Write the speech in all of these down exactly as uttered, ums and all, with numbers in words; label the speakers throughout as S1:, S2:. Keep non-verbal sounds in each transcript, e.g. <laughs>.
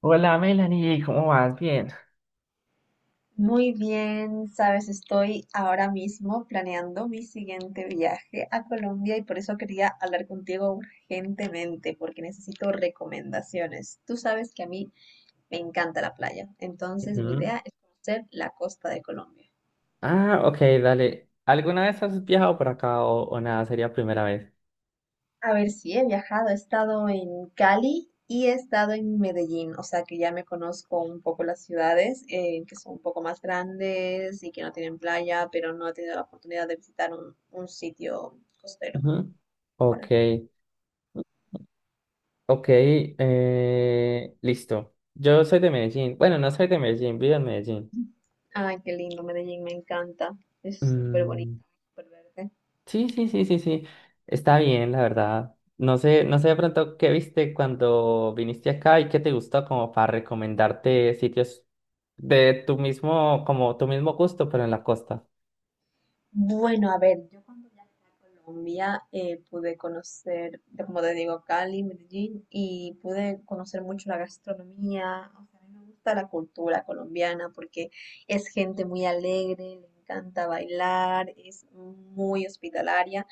S1: Hola Melanie, ¿cómo vas? Bien.
S2: Muy bien, sabes, estoy ahora mismo planeando mi siguiente viaje a Colombia y por eso quería hablar contigo urgentemente, porque necesito recomendaciones. Tú sabes que a mí me encanta la playa, entonces mi
S1: Ujú.
S2: idea es conocer la costa de Colombia.
S1: Ah, ok, dale. ¿Alguna vez has viajado por acá o, o nada? Sería primera vez.
S2: A ver, si he viajado, he estado en Cali y he estado en Medellín, o sea que ya me conozco un poco las ciudades eh, que son un poco más grandes y que no tienen playa, pero no he tenido la oportunidad de visitar un un sitio costero
S1: Ujú. Ok,
S2: ahora.
S1: ok, eh, listo. Yo soy de Medellín. Bueno, no soy de Medellín, vivo en Medellín.
S2: Ay, qué lindo, Medellín, me encanta. Es súper bonito,
S1: Mm,
S2: súper verde.
S1: sí, sí, sí, sí, sí. Está bien, la verdad. No sé, no sé de pronto qué viste cuando viniste acá y qué te gustó como para recomendarte sitios de tu mismo, como tu mismo gusto, pero en la costa.
S2: Bueno, a ver, yo cuando viajé a Colombia eh, pude conocer, de- como te digo, Cali, Medellín, y pude conocer mucho la gastronomía. O sea, a mí me gusta la cultura colombiana porque es gente muy alegre, le encanta bailar, es muy hospitalaria.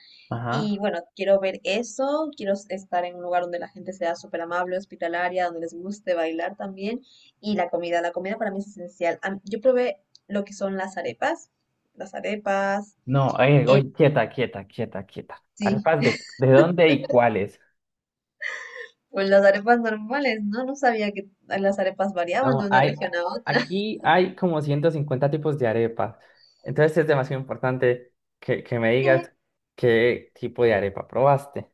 S2: Y
S1: Ajá.
S2: bueno, quiero ver eso, quiero s- estar en un lugar donde la gente sea súper amable, hospitalaria, donde les guste bailar también. Y la comida, la comida para mí es esencial. Am- Yo probé lo que son las arepas, las arepas,
S1: No, eh,
S2: el-
S1: oye, quieta, quieta, quieta, quieta.
S2: sí,
S1: ¿Arepas
S2: <laughs>
S1: de, de dónde y cuáles?
S2: pues las arepas normales, ¿no? No sabía que las arepas variaban
S1: No,
S2: de una
S1: hay,
S2: región
S1: a-
S2: a otra. <laughs>
S1: aquí hay como ciento cincuenta tipos de arepas. Entonces es demasiado importante que, que me
S2: ¿Qué?
S1: digas qué tipo de arepa probaste.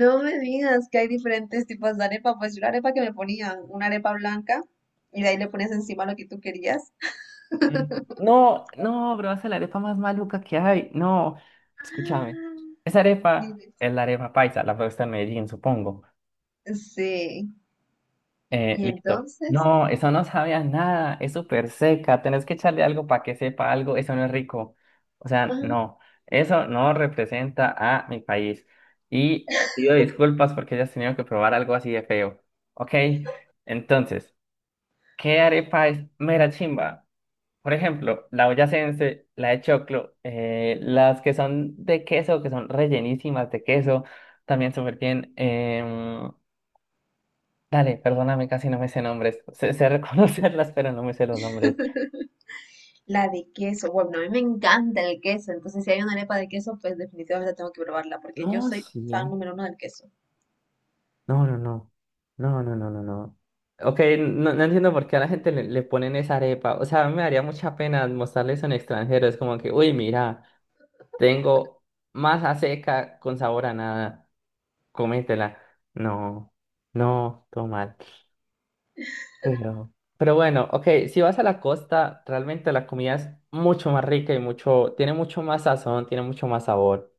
S2: No me digas que hay diferentes tipos de arepa, pues yo la arepa que me ponían, una arepa blanca, y de ahí le ponías encima lo que tú querías.
S1: Mm, No, no, probaste la arepa más maluca que hay. No, escúchame.
S2: Ah.
S1: Esa arepa
S2: Dime.
S1: es la arepa paisa, la probaste en Medellín, supongo.
S2: Sí.
S1: Eh,
S2: Y
S1: listo.
S2: entonces,
S1: No, eso no sabía nada, es súper seca, tenés que echarle algo para que sepa algo, eso no es rico. O sea,
S2: ah,
S1: no, eso no representa a mi país. Y pido disculpas porque hayas tenido que probar algo así de feo. Ok, entonces, ¿qué arepa es mera chimba? Por ejemplo, la boyacense, la de choclo, eh, las que son de queso, que son rellenísimas de queso, también súper bien. Em, Dale, perdóname, casi no me sé nombres. Sé, sé <laughs> reconocerlas, pero no me sé los nombres.
S2: la de queso. Bueno, a mí me encanta el queso. Entonces, si hay una arepa de queso, pues definitivamente tengo que probarla porque
S1: No,
S2: yo soy
S1: sí.
S2: fan número uno del queso.
S1: No, no, no. No, no, no, no, no. Ok, no, no entiendo por qué a la gente le, le ponen esa arepa. O sea, a mí me daría mucha pena mostrarles en extranjero. Es como que, uy, mira, tengo masa seca con sabor a nada. Cométela. No, no, todo mal. Pero, pero bueno, ok, si vas a la costa, realmente la comida es mucho más rica y mucho, tiene mucho más sazón, tiene mucho más sabor.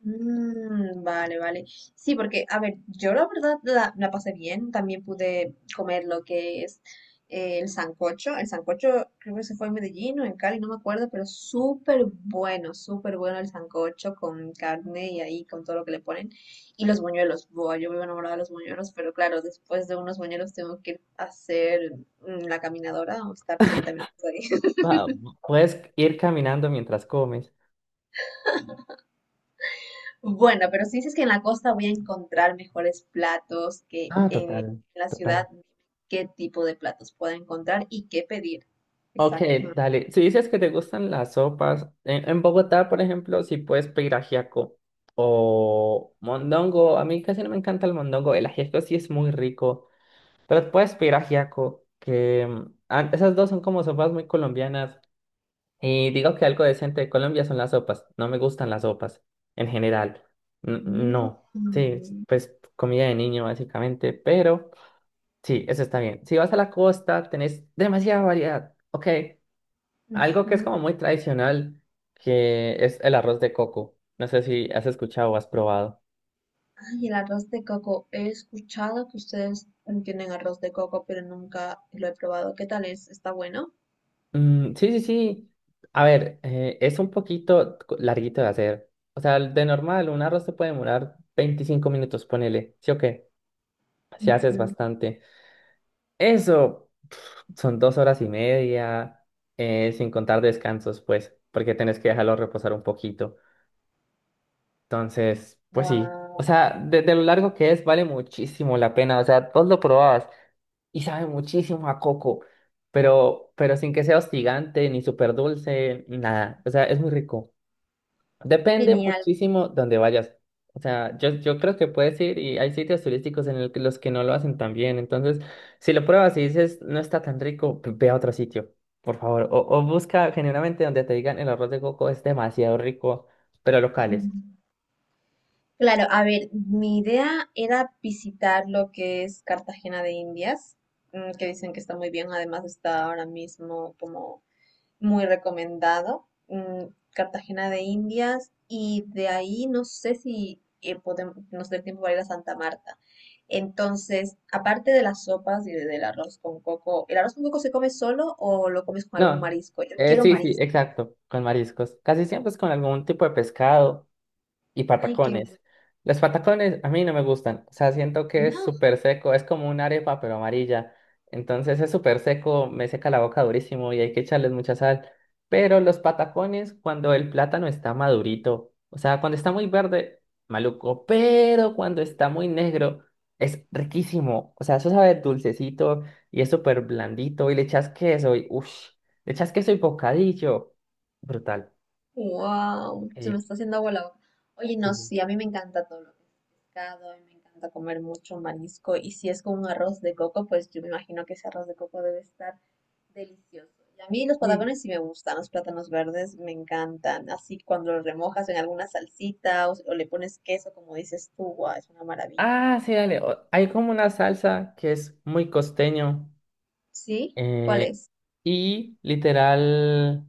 S2: Mm, vale, vale. Sí, porque, a ver, yo la verdad la, la pasé bien. También pude comer lo que es eh, el sancocho. El sancocho creo que se fue en Medellín o en Cali, no me acuerdo, pero súper bueno, súper bueno el sancocho con carne y ahí con todo lo que le ponen. Y los buñuelos. Buah, yo vivo enamorada de los buñuelos, pero claro, después de unos buñuelos tengo que ir a hacer mm, la caminadora o estar treinta minutos ahí.
S1: Ah, puedes ir caminando mientras comes.
S2: Bueno, pero si dices que en la costa voy a encontrar mejores platos que
S1: Ah,
S2: eh, en
S1: total,
S2: la ciudad,
S1: total.
S2: ¿qué tipo de platos puedo encontrar y qué pedir?
S1: Ok,
S2: Exacto.
S1: dale. Si dices que te gustan las sopas, en, en Bogotá, por ejemplo, si puedes pedir ajiaco o mondongo. A mí casi no me encanta el mondongo. El ajiaco sí es muy rico, pero puedes pedir ajiaco, que mm, ah, esas dos son como sopas muy colombianas. Y digo que algo decente de Colombia son las sopas. No me gustan las sopas en general. N-
S2: Mm,
S1: no. Sí, pues comida de niño básicamente, pero... Sí, eso está bien. Si vas a la costa, tenés demasiada variedad. Ok, algo que es
S2: ujú.
S1: como muy tradicional, que es el arroz de coco. No sé si has escuchado o has probado.
S2: Ay, el arroz de coco. He escuchado que ustedes tienen arroz de coco, pero nunca lo he probado. ¿Qué tal es? ¿Está bueno?
S1: Mm, sí, sí, sí. A ver, eh, es un poquito co- larguito de hacer. O sea, de normal, un arroz te puede demorar veinticinco minutos, ponele. ¿Sí o qué? Si haces
S2: Ujú.
S1: bastante. Eso son dos horas y media, eh, sin contar descansos, pues, porque tenés que dejarlo reposar un poquito. Entonces, pues sí. O
S2: Wow,
S1: sea, de, de lo largo que es, vale muchísimo la pena. O sea, vos lo probabas y sabe muchísimo a coco, pero, pero sin que sea hostigante, ni súper dulce, nada. O sea, es muy rico. Depende
S2: genial.
S1: muchísimo donde vayas. O sea, yo, yo creo que puedes ir y hay sitios turísticos en el que- los que no lo hacen tan bien. Entonces, si lo pruebas y dices, no está tan rico, pues ve a otro sitio, por favor. O, o busca generalmente donde te digan el arroz de coco es demasiado rico, pero locales.
S2: <laughs> Claro, a ver, mi idea era visitar lo que es Cartagena de Indias, mm, que dicen que está muy bien, además está ahora mismo como muy recomendado. Mm, Cartagena de Indias, y de ahí no sé si eh, podemos, nos dé tiempo para ir a Santa Marta. Entonces, aparte de las sopas y de- del arroz con coco, ¿el arroz con coco se come solo o lo comes con algún
S1: No,
S2: marisco? Yo
S1: eh,
S2: quiero
S1: sí, sí,
S2: marisco.
S1: exacto, con mariscos. Casi siempre es con algún tipo de pescado. Y
S2: Ay, qué bueno.
S1: patacones. Los patacones a mí no me gustan. O sea, siento que es
S2: No.
S1: súper seco. Es como una arepa, pero amarilla. Entonces es súper seco, me seca la boca durísimo y hay que echarles mucha sal. Pero los patacones, cuando el plátano está madurito, o sea, cuando está muy verde, maluco. Pero cuando está muy negro, es riquísimo. O sea, eso sabe dulcecito y es súper blandito. Y le echas queso y uff, le echas queso y bocadillo. Brutal.
S2: Wow, se
S1: Ok.
S2: me está haciendo agua la boca. Oye, no,
S1: Sí,
S2: sí, a mí me encanta todo lo que es pescado, a mí me encanta comer mucho marisco y si es con un arroz de coco, pues yo me imagino que ese arroz de coco debe estar delicioso. Y a mí los
S1: sí.
S2: patacones sí me gustan, los plátanos verdes me encantan, así cuando los remojas en alguna salsita o, o le pones queso, como dices tú, guau, es una maravilla.
S1: Ah, sí, dale. o- Hay como una salsa que es muy costeño
S2: ¿Sí? ¿Cuál
S1: eh,
S2: es?
S1: y literal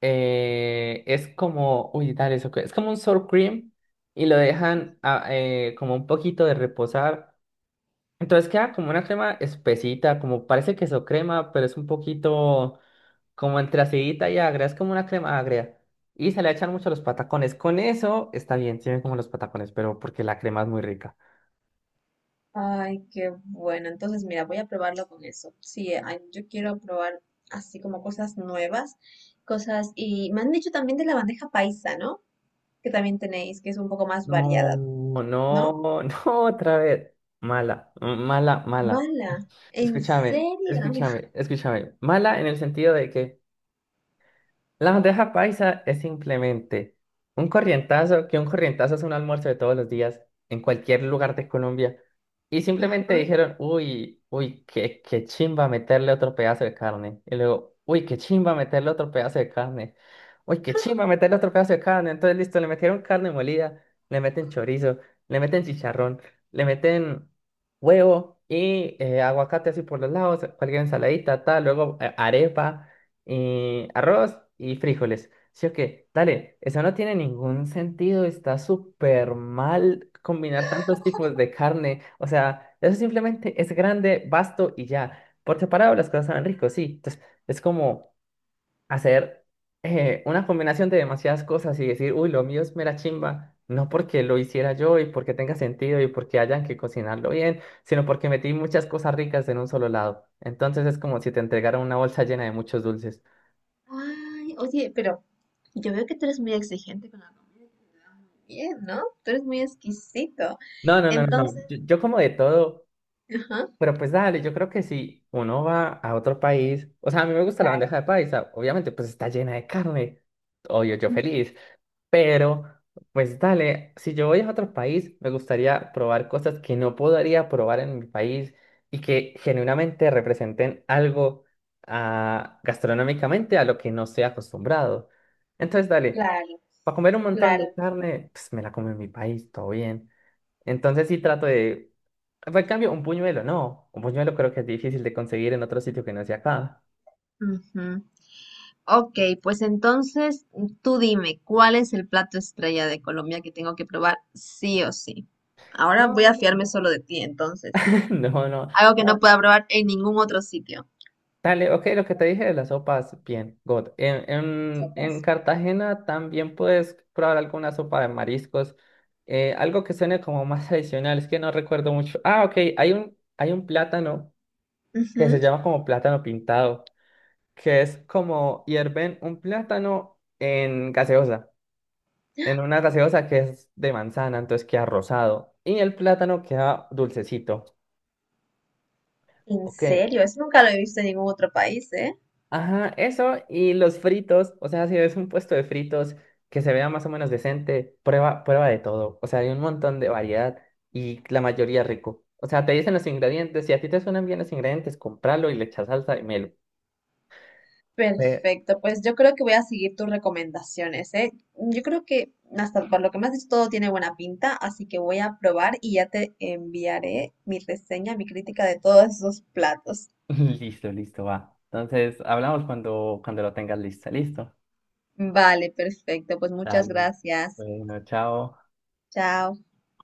S1: eh, es como, uy, dale, eso que- es como un sour cream y lo dejan a- eh, como un poquito de reposar. Entonces queda como una crema espesita, como parece queso crema, pero es un poquito como entre acidita y agria, es como una crema agria. Y se le echan mucho los patacones. Con eso está bien, tienen como los patacones, pero porque la crema es muy rica.
S2: Ay, qué bueno. Entonces, mira, voy a probarlo con eso. Sí, eh, ay, yo quiero probar así como cosas nuevas, cosas... Y me han dicho también de la bandeja paisa, ¿no? Que también tenéis, que es un poco más
S1: No,
S2: variada, ¿no?
S1: no, <laughs> no, otra vez. Mala, mala, mala.
S2: Mala, ¿en
S1: Escúchame,
S2: serio?
S1: escúchame, escúchame. Mala en el sentido de que la bandeja paisa es simplemente un corrientazo, que un corrientazo es un almuerzo de todos los días en cualquier lugar de Colombia. Y simplemente
S2: Ajá.
S1: dijeron, uy, uy, qué, qué chimba meterle otro pedazo de carne. Y luego, uy, qué chimba meterle otro pedazo de carne. Uy, qué chimba meterle otro pedazo de carne. Entonces, listo, le metieron carne molida, le meten chorizo, le meten chicharrón, le meten huevo y eh, aguacate así por los lados, cualquier ensaladita, tal, luego eh, arepa y arroz y frijoles. Sí o qué, dale, eso no tiene ningún sentido, está súper mal combinar tantos tipos de carne. O sea, eso simplemente es grande, vasto y ya. Por separado las cosas saben ricos, sí. Entonces, es como hacer eh, una combinación de demasiadas cosas y decir, uy, lo mío es mera chimba. No porque lo hiciera yo y porque tenga sentido y porque hayan que cocinarlo bien, sino porque metí muchas cosas ricas en un solo lado. Entonces es como si te entregaran una bolsa llena de muchos dulces.
S2: Ay, oye, pero yo veo que tú eres muy exigente con la comida también, ¿no? Tú eres muy exquisito.
S1: No, no, no, no, no.
S2: Entonces,
S1: Yo, yo como de todo,
S2: ajá,
S1: pero pues dale, yo creo que si uno va a otro país, o sea, a mí me gusta la
S2: claro,
S1: bandeja de paisa, obviamente pues está llena de carne, obvio, yo
S2: ujú,
S1: feliz, pero pues dale, si yo voy a otro país, me gustaría probar cosas que no podría probar en mi país y que genuinamente representen algo ah, gastronómicamente a lo que no estoy acostumbrado. Entonces, dale,
S2: claro,
S1: para comer un montón de
S2: claro.
S1: carne, pues me la como en mi país, todo bien. Entonces sí trato de... En cambio, un puñuelo, no. Un puñuelo creo que es difícil de conseguir en otro sitio que no sea acá.
S2: Ujú. Ok, pues entonces tú dime, ¿cuál es el plato estrella de Colombia que tengo que probar sí o sí? Ahora voy a
S1: No,
S2: fiarme solo de ti, entonces.
S1: <laughs> no, no.
S2: Algo que
S1: Ah,
S2: no pueda probar en ningún otro sitio.
S1: dale, ok, lo que te dije de las sopas, bien, God. En, en, en
S2: Sopas.
S1: Cartagena también puedes probar alguna sopa de mariscos. Eh, algo que suene como más <laughs> tradicional, es que no recuerdo mucho. Ah, ok, hay un, hay un plátano que se
S2: Ujú.
S1: llama como plátano pintado, que es como hierven un plátano en gaseosa. En una gaseosa que es de manzana, entonces queda rosado. Y el plátano queda dulcecito.
S2: En
S1: Ok.
S2: serio, eso nunca lo he visto en ningún otro país, ¿eh?
S1: Ajá, eso y los fritos. O sea, si ves un puesto de fritos que se vea más o menos decente, prueba, prueba de todo. O sea, hay un montón de variedad y la mayoría rico. O sea, te dicen los ingredientes. Si a ti te suenan bien los ingredientes, compralo y le echas salsa y melo. Eh,
S2: Perfecto, pues yo creo que voy a seguir tus recomendaciones, ¿eh? Yo creo que hasta por lo que me has dicho todo tiene buena pinta, así que voy a probar y ya te enviaré mi reseña, mi crítica de todos esos platos.
S1: <laughs> Listo, listo, va. Entonces, hablamos cuando, cuando lo tengas listo. Listo.
S2: Vale, perfecto. Pues muchas
S1: Dale.
S2: gracias.
S1: Bueno, chao.
S2: Chao.